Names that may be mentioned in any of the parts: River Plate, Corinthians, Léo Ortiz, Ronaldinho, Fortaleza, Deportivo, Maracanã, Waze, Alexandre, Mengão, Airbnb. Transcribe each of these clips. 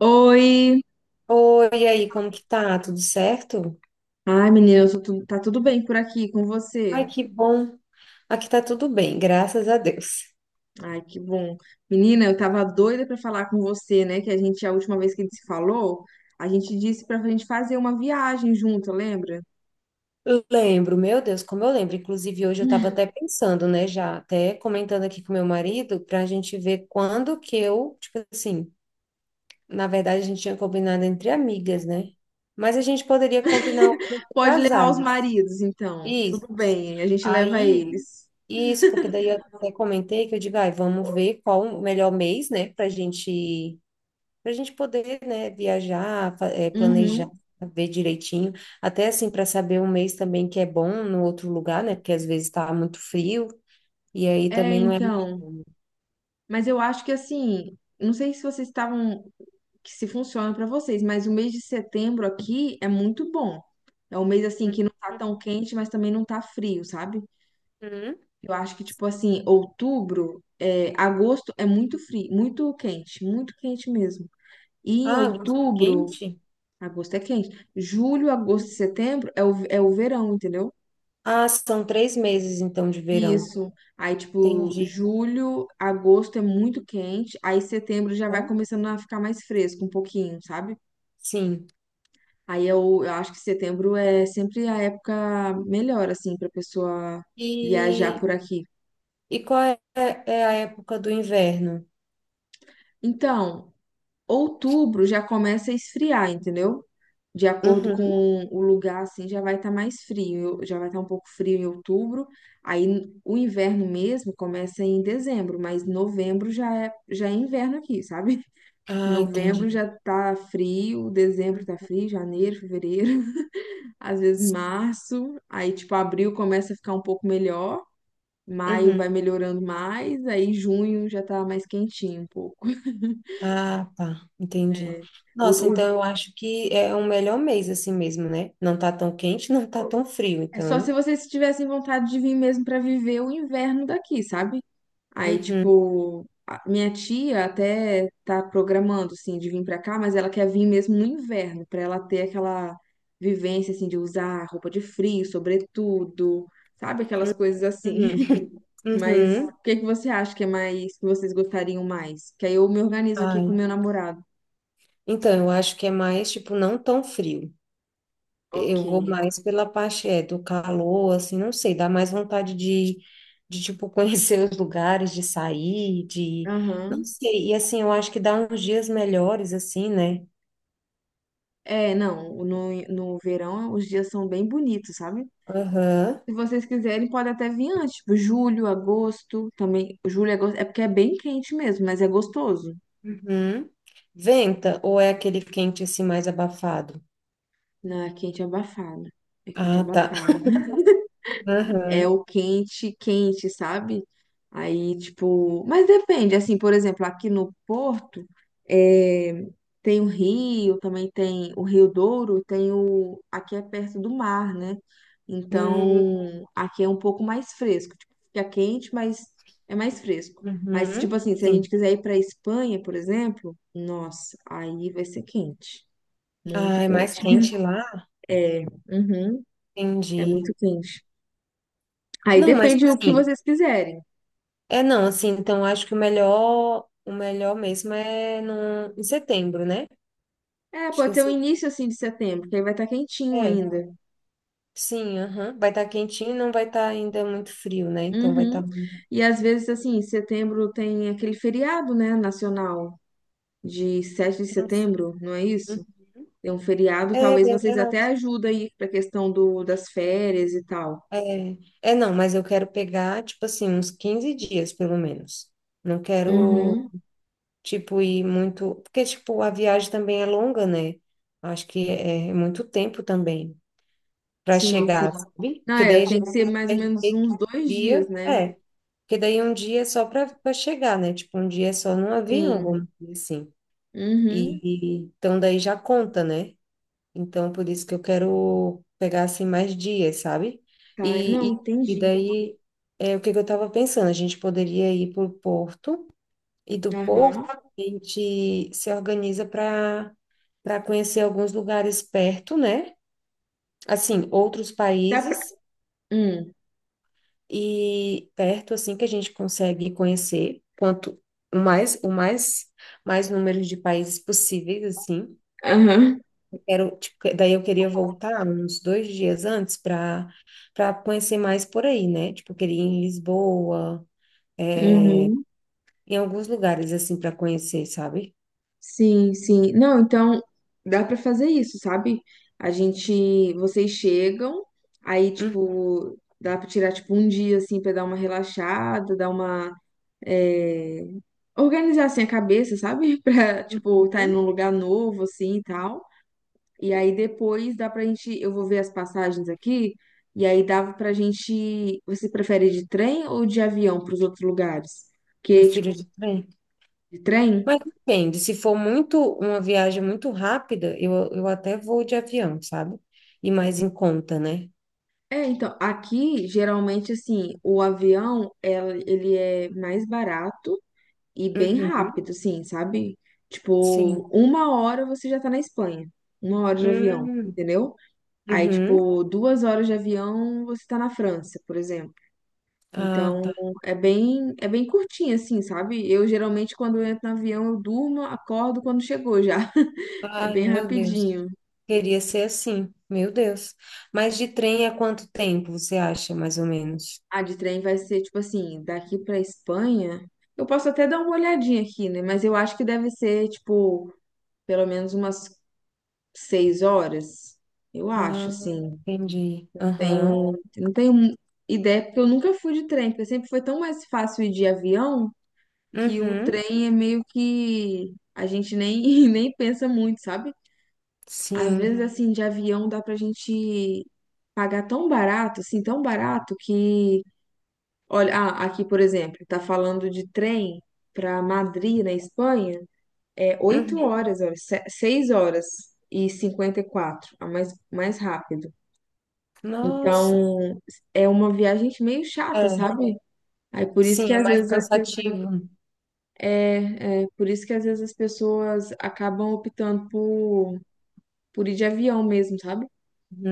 Oi! Oi, e aí, como que tá? Tudo certo? Ai, menina, tá tudo bem por aqui com Ai, você? que bom. Aqui tá tudo bem, graças a Deus. Ai, que bom. Menina, eu tava doida pra falar com você, né? A última vez que a gente se falou, a gente disse pra gente fazer uma viagem junto, lembra? Eu lembro, meu Deus, como eu lembro. Inclusive, hoje eu estava até pensando, né, já até comentando aqui com meu marido, para a gente ver quando que eu, tipo assim, na verdade a gente tinha combinado entre amigas, né? Mas a gente poderia combinar algo com Pode levar os casais. maridos, então. Isso. Tudo bem, a gente leva Aí, eles. isso, porque daí eu até comentei que eu digo, ai, vamos ver qual o melhor mês, né, pra gente para a gente poder, né, viajar, planejar, Uhum. ver direitinho, até assim para saber um mês também que é bom no outro lugar, né, porque às vezes está muito frio e aí É, também não é. então. Mas eu acho que assim, não sei se vocês estavam, que se funciona para vocês, mas o mês de setembro aqui é muito bom. É um mês assim que não tá tão quente, mas também não tá frio, sabe? Uhum. Eu acho que tipo assim, outubro, é, agosto é muito frio, muito quente mesmo. E em Ah, agosto é outubro, quente? agosto é quente. Julho, agosto e setembro é o verão, entendeu? Ah, são três meses então de verão. Isso. Aí, tipo, Entendi. julho, agosto é muito quente, aí setembro já vai Hã? começando a ficar mais fresco um pouquinho, sabe? Sim. Aí eu acho que setembro é sempre a época melhor, assim, pra pessoa viajar E, por aqui. e qual é, é a época do inverno? Então, outubro já começa a esfriar, entendeu? De acordo com Uhum. o lugar, assim, já vai estar mais frio, já vai estar um pouco frio em outubro. Aí o inverno mesmo começa em dezembro, mas novembro já é inverno aqui, sabe? Ah, Novembro entendi. já tá frio, dezembro tá frio, janeiro, fevereiro, às vezes março, aí tipo abril começa a ficar um pouco melhor, maio Uhum. vai melhorando mais, aí junho já tá mais quentinho um pouco. Ah, tá, entendi. O- Nossa, então o- eu acho que é o melhor mês assim mesmo, né? Não tá tão quente, não tá tão frio, É só se então. vocês tivessem vontade de vir mesmo pra viver o inverno daqui, sabe? Aí, Uhum, tipo, minha tia até tá programando, assim, de vir pra cá, mas ela quer vir mesmo no inverno, pra ela ter aquela vivência, assim, de usar roupa de frio, sobretudo, sabe? Aquelas coisas assim. uhum, Mas o uhum. que que você acha que é mais, que vocês gostariam mais? Que aí eu me organizo aqui com Ai. meu namorado. Então, eu acho que é mais, tipo, não tão frio. Ok. Eu vou mais pela parte, é, do calor, assim, não sei, dá mais vontade de, tipo, conhecer os lugares, de sair, de... Não Aham. sei, e assim, eu acho que dá uns dias melhores, assim, né? É, não, no verão os dias são bem bonitos, sabe? Aham. Se vocês quiserem, pode até vir antes, tipo, julho, agosto, também. Julho, agosto, é porque é bem quente mesmo, mas é gostoso. Uhum. Venta ou é aquele quente assim mais abafado? Não, é quente abafado. É quente Ah, tá. abafado. É Aham. o quente, quente, sabe? Aí, tipo, mas depende, assim, por exemplo, aqui no Porto, é, tem o Rio, também tem o Rio Douro, tem aqui é perto do mar, né? Hum, Então, aqui é um pouco mais fresco, tipo, fica quente, mas é mais fresco. Mas, tipo uhum. assim, se a gente Sim. quiser ir pra Espanha, por exemplo, nossa, aí vai ser quente, muito Ah, é mais quente. quente lá? É, uhum, é Entendi. muito quente. Aí Não, mas depende do que assim, vocês quiserem. é não, assim, então acho que o melhor mesmo é no, em setembro, né? É, Acho que pode é, ser o se- início assim de setembro, que aí vai estar quentinho é. ainda. Sim, aham. Vai estar quentinho e não vai estar ainda muito frio, né? Então vai Uhum. estar. E às vezes assim, setembro tem aquele feriado, né, nacional de sete de Nossa. setembro, não é isso? Tem um feriado, É talvez vocês até verdade. ajudem aí pra questão do das férias e tal. É, é não, mas eu quero pegar, tipo assim, uns 15 dias, pelo menos. Não quero, Uhum. tipo, ir muito. Porque, tipo, a viagem também é longa, né? Acho que é muito tempo também para Sim, sim. chegar, sabe? Não, Porque é, daí a tem gente que ser vai mais até ou menos que uns 2 dias, dia. né? É. Porque daí um dia é só para chegar, né? Tipo, um dia é só no avião, Sim. vamos dizer assim. Uhum. Então daí já conta, né? Então, por isso que eu quero pegar assim mais dias, sabe? Tá. E, Não, e, entendi. daí, é, o que que eu estava pensando? A gente poderia ir para o Porto, e do Porto Aham. a gente se organiza para para conhecer alguns lugares perto, né? Assim, outros Dá pra... países Hum. e perto, assim, que a gente consegue conhecer quanto mais o mais mais números de países possíveis, assim. Aham. Quero, tipo, que- daí eu queria voltar uns 2 dias antes para para conhecer mais por aí, né? Tipo, eu queria ir em Lisboa, é, Uhum. em alguns lugares assim para conhecer, sabe? Sim, sim. Não, então dá pra fazer isso, sabe? A gente, vocês chegam, aí tipo, dá pra tirar tipo um dia assim pra dar uma relaxada, dar uma é, organizar assim a cabeça, sabe? Pra tipo tá em Uhum. um lugar novo assim e tal. E aí depois dá pra gente, eu vou ver as passagens aqui, e aí dava pra gente, você prefere de trem ou de avião pros outros lugares? Porque Prefiro tipo, de trem. de trem Mas depende, se for muito uma viagem muito rápida, eu até vou de avião, sabe? E mais em conta, né? é, então, aqui, geralmente, assim, o avião, ele é mais barato e bem Uhum. rápido, assim, sabe? Sim. Tipo, uma hora você já tá na Espanha. 1 hora de avião, Hum, entendeu? Aí, uhum. tipo, 2 horas de avião você tá na França, por exemplo. Ah, Então, tá. É bem curtinho, assim, sabe? Eu, geralmente, quando eu entro no avião, eu durmo, acordo quando chegou já. É Ai, bem meu Deus. rapidinho. Queria ser assim, meu Deus. Mas de trem é quanto tempo você acha, mais ou menos? A de trem vai ser tipo assim, daqui pra Espanha. Eu posso até dar uma olhadinha aqui, né? Mas eu acho que deve ser, tipo, pelo menos umas 6 horas. Eu acho, Ah, assim. entendi. Aham. Não tenho ideia, porque eu nunca fui de trem, porque sempre foi tão mais fácil ir de avião que o Uhum. trem é meio que a gente nem, nem pensa muito, sabe? Às vezes, sim, Sim. assim, de avião dá pra gente pagar tão barato, assim, tão barato que... Olha, ah, aqui, por exemplo, tá falando de trem para Madrid, na Espanha, é oito Uhum. horas, olha, 6 horas e 54, a mais, mais rápido. Nossa. Então, é uma viagem meio chata, É. sabe? Aí por isso que Sim, é às mais vezes as pessoas cansativo. É por isso que às vezes as pessoas acabam optando por ir de avião mesmo, sabe?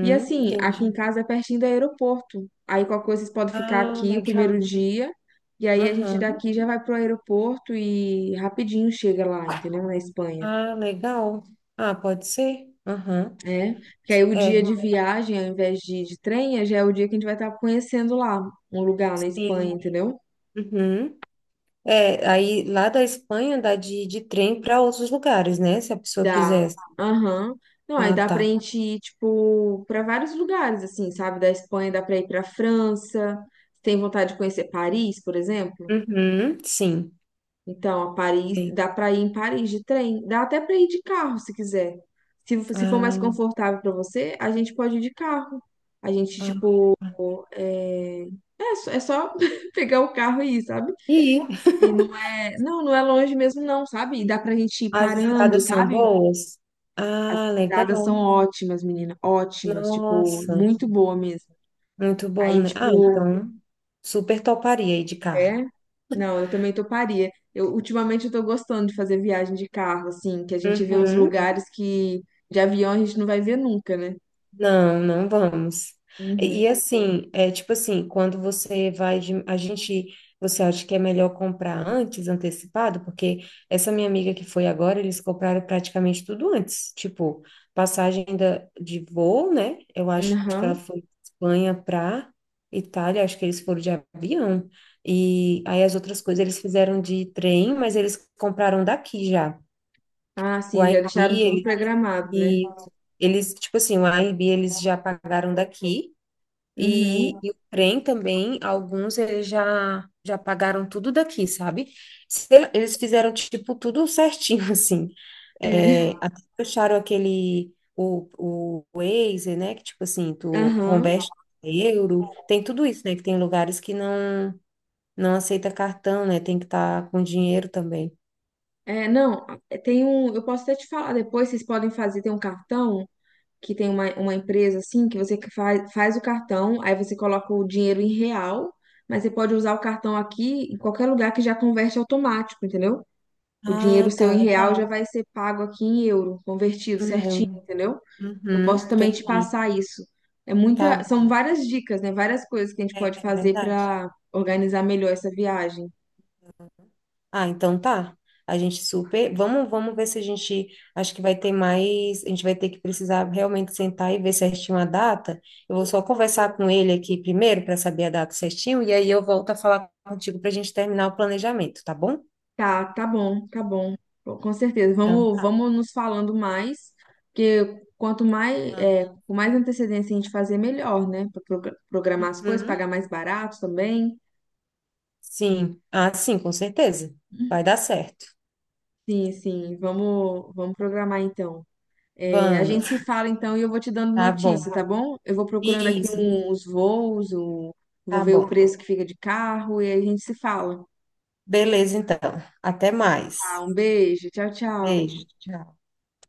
E assim, aqui em Entendi. casa é pertinho do aeroporto. Aí qualquer coisa vocês podem ficar Ah, aqui o primeiro legal. dia. E aí a gente Aham. daqui já vai pro aeroporto e rapidinho chega lá, entendeu? Na Espanha. Ah, legal. Ah, pode ser? Aham. É. Porque aí o dia É, de viagem, ao invés de trem, já é o dia que a gente vai estar conhecendo lá um lugar na Espanha, sim. entendeu? Uhum. É, aí lá da Espanha dá de trem para outros lugares, né? Se a pessoa Dá. quiser. Aham. Não, aí Ah, dá pra tá. gente ir, tipo, pra vários lugares, assim, sabe? Da Espanha dá pra ir pra França. Tem vontade de conhecer Paris, por exemplo? Uhum, sim. Então, a Paris, Ei, dá para ir em Paris de trem, dá até para ir de carro se quiser. Se for mais ah, confortável para você, a gente pode ir de carro. A gente, ah, tipo, ah. é, só pegar o carro e ir, sabe? E E não é, não é longe mesmo, não, sabe? E dá pra gente ir as parando, estradas são sabe? boas? As Ah, estradas são legal. ótimas, menina, ótimas, tipo, Nossa, muito boa mesmo. muito bom, Aí, né? Ah, tipo, então, super toparia ir de carro. é? Não, eu também toparia. Eu ultimamente eu tô gostando de fazer viagem de carro, assim, que a gente vê uns Uhum. lugares que de avião a gente não vai ver nunca, né? Não, não vamos. Uhum. E assim, é tipo assim, quando você vai de, a gente, você acha que é melhor comprar antes, antecipado? Porque essa minha amiga que foi agora, eles compraram praticamente tudo antes, tipo, passagem da, de voo, né? Eu acho que ela Aham. foi de Espanha para Itália, acho que eles foram de avião. E aí as outras coisas eles fizeram de trem, mas eles compraram daqui já. Ah, O sim, já deixaram tudo Airbnb, programado, né? e eles, tipo assim, o Airbnb eles já pagaram daqui Uhum. e o trem também, alguns eles já pagaram tudo daqui, sabe? Se- eles fizeram tipo tudo certinho assim. É. É, até fecharam aquele o Waze, né, que tipo assim, tu Aham. converte em euro, tem tudo isso, né, que tem lugares que não aceita cartão, né? Tem que estar com dinheiro também. É, não, é, tem um. Eu posso até te falar depois, vocês podem fazer, tem um cartão que tem uma empresa assim, que você faz, faz o cartão, aí você coloca o dinheiro em real, mas você pode usar o cartão aqui em qualquer lugar que já converte automático, entendeu? O Ah, dinheiro seu tá em real já legal. vai ser pago aqui em euro, convertido Em certinho, euro. entendeu? Eu Uhum, posso também te entendi. passar isso. É Tá muita, são bom. várias dicas, né? Várias coisas que a gente É pode fazer verdade. para organizar melhor essa viagem. Ah, então tá. A gente super. Vamos, vamos ver se a gente. Acho que vai ter mais. A gente vai ter que precisar realmente sentar e ver certinho a data. Eu vou só conversar com ele aqui primeiro para saber a data certinho e aí eu volto a falar contigo para a gente terminar o planejamento, tá bom? Tá, tá bom, tá bom. Bom, com certeza. Então Vamos, tá. vamos nos falando mais, porque quanto mais, Ah, é, com mais antecedência a gente fazer, melhor, né? Para programar as coisas, uhum. pagar mais barato também. Sim. Ah, sim, com certeza. Vai dar certo. Sim, sim. Vamos, vamos programar então. É, a Vamos. gente se fala então e eu vou te dando Tá bom. notícia, tá bom? Eu vou procurando aqui Isso. Os voos, vou Tá ver o bom. preço que fica de carro e aí a gente se fala. Beleza, então. Até Tá, mais. um beijo, tchau, tchau. Beijo. Tchau.